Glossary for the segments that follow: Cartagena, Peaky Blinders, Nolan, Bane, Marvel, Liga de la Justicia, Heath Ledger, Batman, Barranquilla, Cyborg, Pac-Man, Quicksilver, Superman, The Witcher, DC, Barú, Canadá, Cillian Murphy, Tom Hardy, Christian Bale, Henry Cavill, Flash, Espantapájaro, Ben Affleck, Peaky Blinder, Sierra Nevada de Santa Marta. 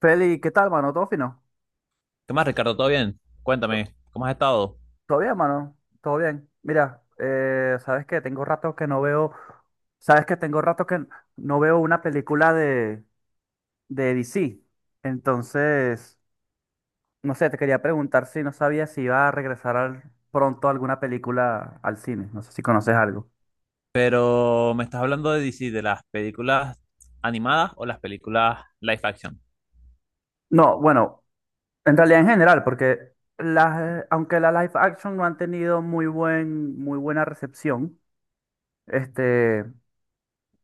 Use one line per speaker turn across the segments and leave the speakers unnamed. Feli, ¿qué tal, mano? ¿Todo fino?
¿Qué más, Ricardo? ¿Todo bien? Cuéntame, ¿cómo has estado?
¿Todo bien, mano? ¿Todo bien? Mira, ¿sabes qué? Tengo rato que no veo... ¿Sabes qué? Tengo rato que no veo una película de DC. Entonces, no sé, te quería preguntar si no sabía si iba a regresar al- pronto alguna película al cine. No sé si conoces algo.
Pero me estás hablando de DC, ¿de las películas animadas o las películas live action?
No, bueno, en realidad en general, porque las, aunque la live action no han tenido muy buena recepción, este,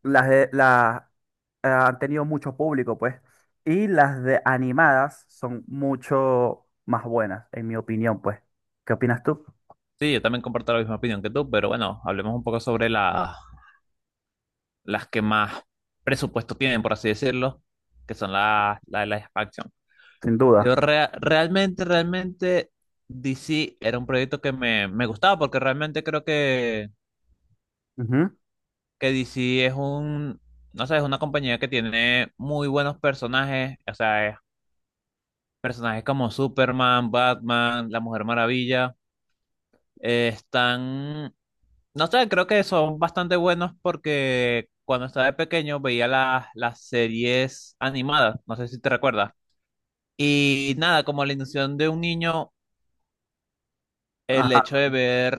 las han tenido mucho público, pues. Y las de animadas son mucho más buenas, en mi opinión, pues. ¿Qué opinas tú?
Sí, yo también comparto la misma opinión que tú, pero bueno, hablemos un poco sobre las que más presupuesto tienen, por así decirlo, que son las de live action.
Sin
Yo
duda.
rea- realmente, realmente, DC era un proyecto que me gustaba porque realmente creo
Ujú.
que DC es un, no sé, es una compañía que tiene muy buenos personajes. O sea, es personajes como Superman, Batman, La Mujer Maravilla, están, no sé, creo que son bastante buenos porque cuando estaba de pequeño veía las series animadas, no sé si te recuerdas. Y nada, como la ilusión de un niño, el
Ajá,
hecho de ver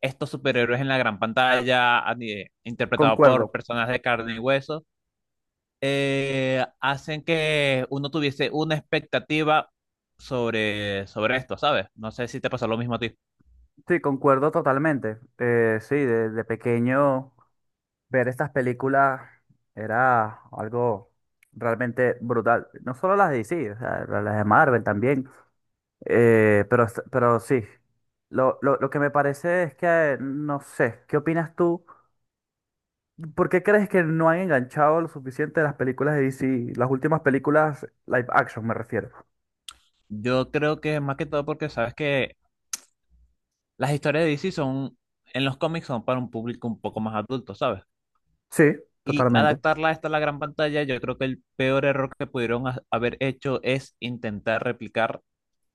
estos superhéroes en la gran pantalla, interpretados por
concuerdo.
personas de carne y hueso, hacen que uno tuviese una expectativa sobre esto, ¿sabes? No sé si te pasó lo mismo a ti.
Sí, concuerdo totalmente. Sí, de pequeño ver estas películas era algo realmente brutal. No solo las de DC, o sea, las de Marvel también. Pero sí, lo que me parece es que, no sé, ¿qué opinas tú? ¿Por qué crees que no han enganchado lo suficiente las películas de DC? Las últimas películas live action, me refiero.
Yo creo que más que todo porque sabes que las historias de DC son, en los cómics son, para un público un poco más adulto, ¿sabes?
Sí,
Y
totalmente.
adaptarla a esta a la gran pantalla, yo creo que el peor error que pudieron haber hecho es intentar replicar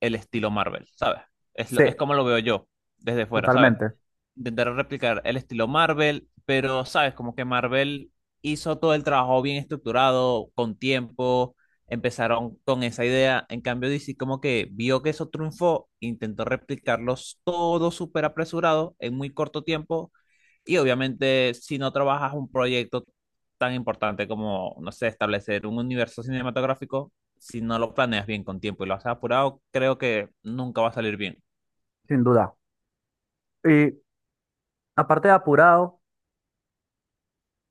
el estilo Marvel, ¿sabes?
Sí,
Es como lo veo yo desde fuera, ¿sabes?
totalmente,
Intentaron replicar el estilo Marvel, pero sabes, como que Marvel hizo todo el trabajo bien estructurado, con tiempo, empezaron con esa idea. En cambio, DC como que vio que eso triunfó, intentó replicarlos todo súper apresurado en muy corto tiempo. Y obviamente, si no trabajas un proyecto tan importante como, no sé, establecer un universo cinematográfico, si no lo planeas bien con tiempo y lo haces apurado, creo que nunca va a salir bien.
sin duda. Y aparte de apurado,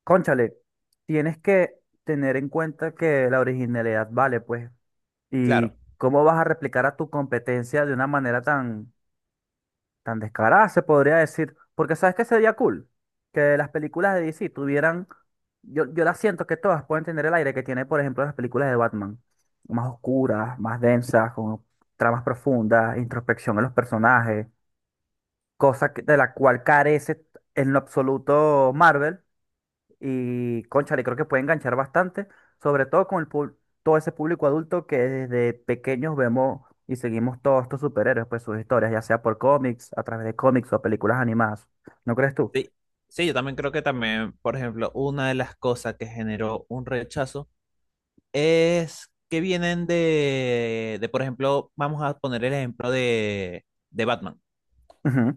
cónchale, tienes que tener en cuenta que la originalidad vale, pues.
Claro.
¿Y cómo vas a replicar a tu competencia de una manera tan, tan descarada, se podría decir? Porque sabes que sería cool que las películas de DC tuvieran, yo las siento que todas pueden tener el aire que tiene, por ejemplo, las películas de Batman, más oscuras, más densas, con tramas profundas, introspección en los personajes, cosa que- de la cual carece en lo absoluto Marvel, y, cónchale, creo que puede enganchar bastante, sobre todo con el, pub- todo ese público adulto que desde pequeños vemos y seguimos todos estos superhéroes, pues sus historias, ya sea por cómics, a través de cómics o películas animadas. ¿No crees tú?
Sí, sí, yo también creo que también, por ejemplo, una de las cosas que generó un rechazo es que vienen de por ejemplo, vamos a poner el ejemplo de Batman.
Ujú,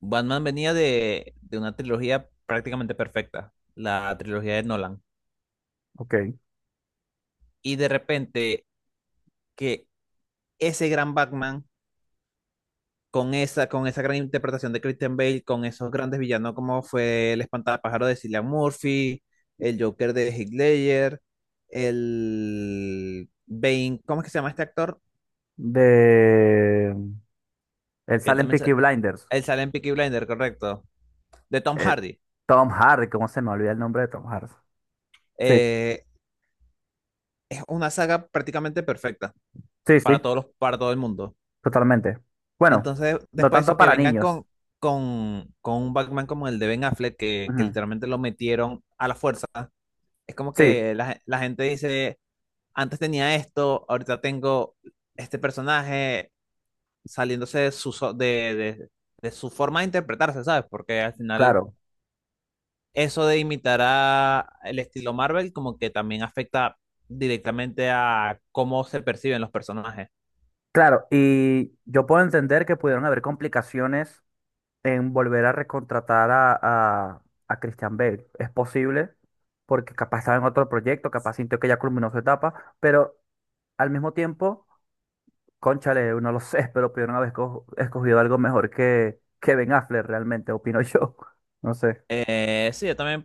Batman venía de una trilogía prácticamente perfecta, la trilogía de Nolan.
ok.
Y de repente que ese gran Batman con esa gran interpretación de Christian Bale, con esos grandes villanos como fue el Espantapájaro de Cillian Murphy, el Joker de Heath Ledger, el Bane, ¿cómo es que se llama este actor?
De... Él
Que él
sale en
también sa-
Peaky Blinders.
Él sale en Peaky Blinder, correcto, de Tom
El
Hardy.
Tom Hardy, ¿cómo se me olvida el nombre de Tom Hardy? Sí,
Eh, es una saga prácticamente perfecta
sí,
para
sí.
todos para todo el mundo.
Totalmente. Bueno,
Entonces,
no
después de
tanto
eso, que
para
vengan
niños.
con un Batman como el de Ben Affleck, que
Ujú.
literalmente lo metieron a la fuerza, es como
Sí,
que la gente dice: antes tenía esto, ahorita tengo este personaje saliéndose de de su forma de interpretarse, ¿sabes? Porque al final
claro.
eso de imitar a el estilo Marvel como que también afecta directamente a cómo se perciben los personajes.
Claro, y yo puedo entender que pudieron haber complicaciones en volver a recontratar a, a Christian Bale. Es posible, porque capaz estaba en otro proyecto, capaz sintió que ya culminó su etapa, pero al mismo tiempo, cónchale, no lo sé, pero pudieron haber esco- escogido algo mejor que Ben Affleck realmente, opino yo. No sé.
Sí, yo también,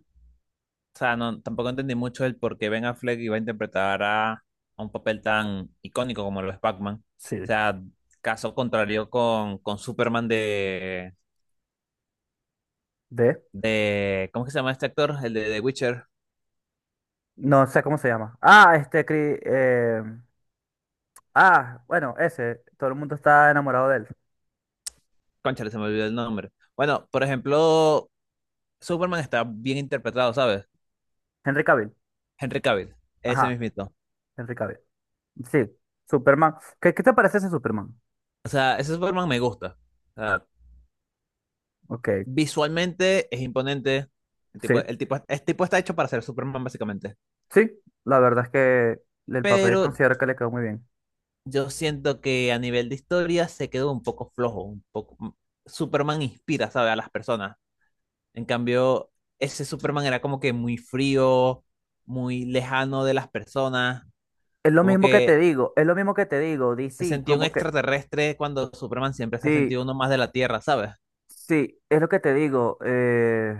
o sea, no, tampoco entendí mucho el por qué Ben Affleck iba a interpretar a un papel tan icónico como lo es Pac-Man.
Sí.
O sea, caso contrario con Superman
¿De?
de, ¿cómo que se llama este actor? El de The Witcher.
No sé cómo se llama. Ah, este, Cri- ah, bueno, ese, todo el mundo está enamorado de él.
Cónchale, se me olvidó el nombre. Bueno, por ejemplo, Superman está bien interpretado, ¿sabes?
Henry Cavill.
Henry Cavill, ese
Ajá,
mismito.
Henry Cavill. Sí, Superman. ¿Qué, qué te parece ese Superman?
O sea, ese Superman me gusta. O sea,
Ok,
visualmente es imponente. El
sí,
tipo, el tipo, este tipo está hecho para ser Superman, básicamente.
sí, la verdad es que el papel
Pero
considero que le quedó muy bien.
yo siento que a nivel de historia se quedó un poco flojo, un poco... Superman inspira, ¿sabes? A las personas. En cambio, ese Superman era como que muy frío, muy lejano de las personas,
Es lo
como
mismo que te
que
digo, es lo mismo que te digo,
se
DC,
sentía un
como que...
extraterrestre cuando Superman siempre se ha
Sí,
sentido uno más de la Tierra, ¿sabes?
sí, es lo que te digo,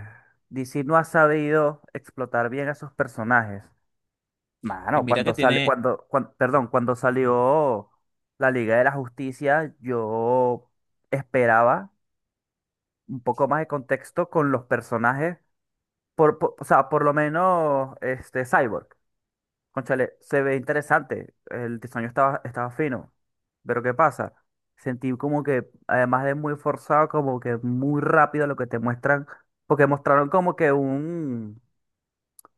DC no ha sabido explotar bien a sus personajes.
Y
Mano,
mira que
cuando sale,
tiene,
cuando, cuan- perdón, cuando salió la Liga de la Justicia, yo esperaba un poco más de contexto con los personajes. Por- o sea, por lo menos este Cyborg. Cónchale, se ve interesante. El diseño estaba fino. Pero ¿qué pasa? Sentí como que, además de muy forzado, como que muy rápido lo que te muestran. Porque mostraron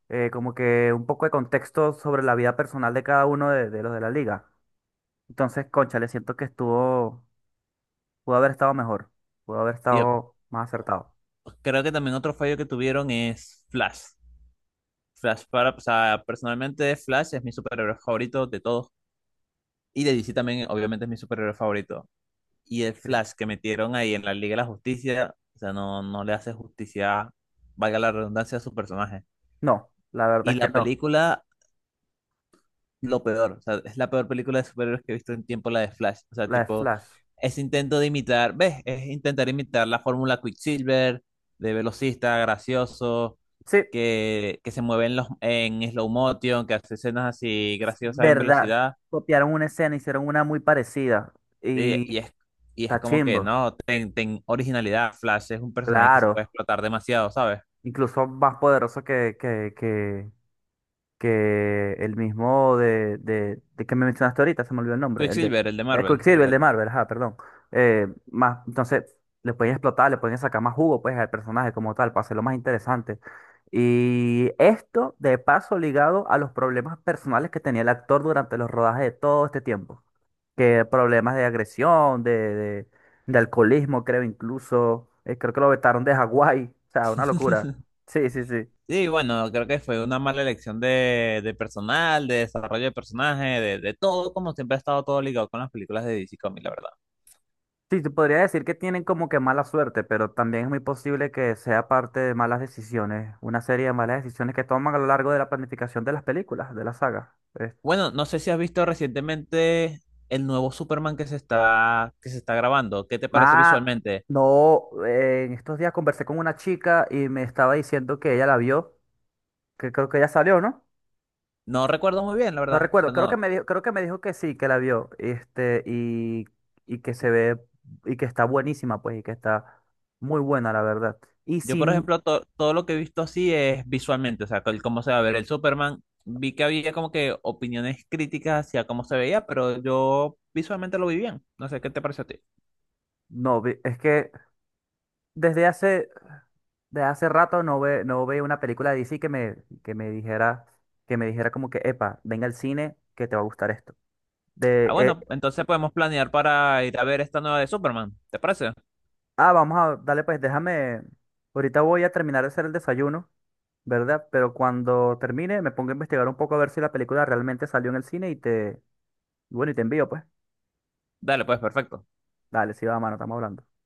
como que un poco de contexto sobre la vida personal de cada uno de los de la liga. Entonces, cónchale, siento que estuvo, pudo haber estado mejor. Pudo haber
y
estado más acertado.
creo que también otro fallo que tuvieron es Flash. Flash para, o sea, personalmente Flash es mi superhéroe favorito de todos. Y de DC también, obviamente, es mi superhéroe favorito. Y el
Sí.
Flash que metieron ahí en la Liga de la Justicia, o sea, no, no le hace justicia, valga la redundancia, a su personaje.
No, la
Y
verdad es que
la
no.
película lo peor. O sea, es la peor película de superhéroes que he visto en tiempo, la de Flash. O sea,
La de
tipo,
Flash.
es intento de imitar, ¿ves? Es intentar imitar la fórmula Quicksilver, de velocista, gracioso,
Sí,
que se mueve en slow motion, que hace escenas así
es
graciosas en
verdad,
velocidad.
copiaron una escena, hicieron una muy parecida
Y,
y
y es, y es
está
como que
chimbo,
no, ten originalidad. Flash es un personaje que se puede
claro,
explotar demasiado, ¿sabes?
incluso más poderoso que el mismo de que me mencionaste ahorita, se me olvidó el nombre, el de
Quicksilver, el de
el
Marvel, el
Quicksilver, el de
de.
Marvel, ajá, perdón. Entonces, le pueden explotar, le pueden sacar más jugo, pues, al personaje como tal, para hacerlo más interesante. Y esto, de paso, ligado a los problemas personales que tenía el actor durante los rodajes de todo este tiempo. Que problemas de agresión, de alcoholismo, creo incluso. Creo que lo vetaron de Hawái. O sea, una locura. Sí, sí, sí.
Sí, bueno, creo que fue una mala elección de personal, de desarrollo de personaje, de todo, como siempre ha estado todo ligado con las películas de DC Comics, la verdad.
Sí, te podría decir que tienen como que mala suerte, pero también es muy posible que sea parte de malas decisiones, una serie de malas decisiones que toman a lo largo de la planificación de las películas, de la saga.
Bueno, no sé si has visto recientemente el nuevo Superman que que se está grabando. ¿Qué te parece
Más,
visualmente?
no, en estos días conversé con una chica y me estaba diciendo que ella la vio, que creo que ya salió, ¿no?
No recuerdo muy bien, la
No
verdad. O
recuerdo,
sea,
creo que me dijo, creo que me dijo que sí, que la vio, este, y que se ve, y que está buenísima, pues, y que está muy buena, la verdad. Y
yo, por
sin,
ejemplo, todo lo que he visto así es visualmente, o sea, el cómo se va a ver el Superman. Vi que había como que opiniones críticas hacia cómo se veía, pero yo visualmente lo vi bien. No sé, ¿qué te parece a ti?
no, vi- es que desde hace, desde hace rato no ve, no veo una película de DC que me dijera, que me dijera como que, epa, venga al cine, que te va a gustar esto.
Ah,
De,
bueno, entonces podemos planear para ir a ver esta nueva de Superman. ¿Te parece?
ah, vamos a, dale, pues, déjame, ahorita voy a terminar de hacer el desayuno. ¿Verdad? Pero cuando termine me pongo a investigar un poco a ver si la película realmente salió en el cine y te, y bueno, y te envío, pues.
Dale, pues, perfecto.
Dale, sí, va, mano, estamos hablando.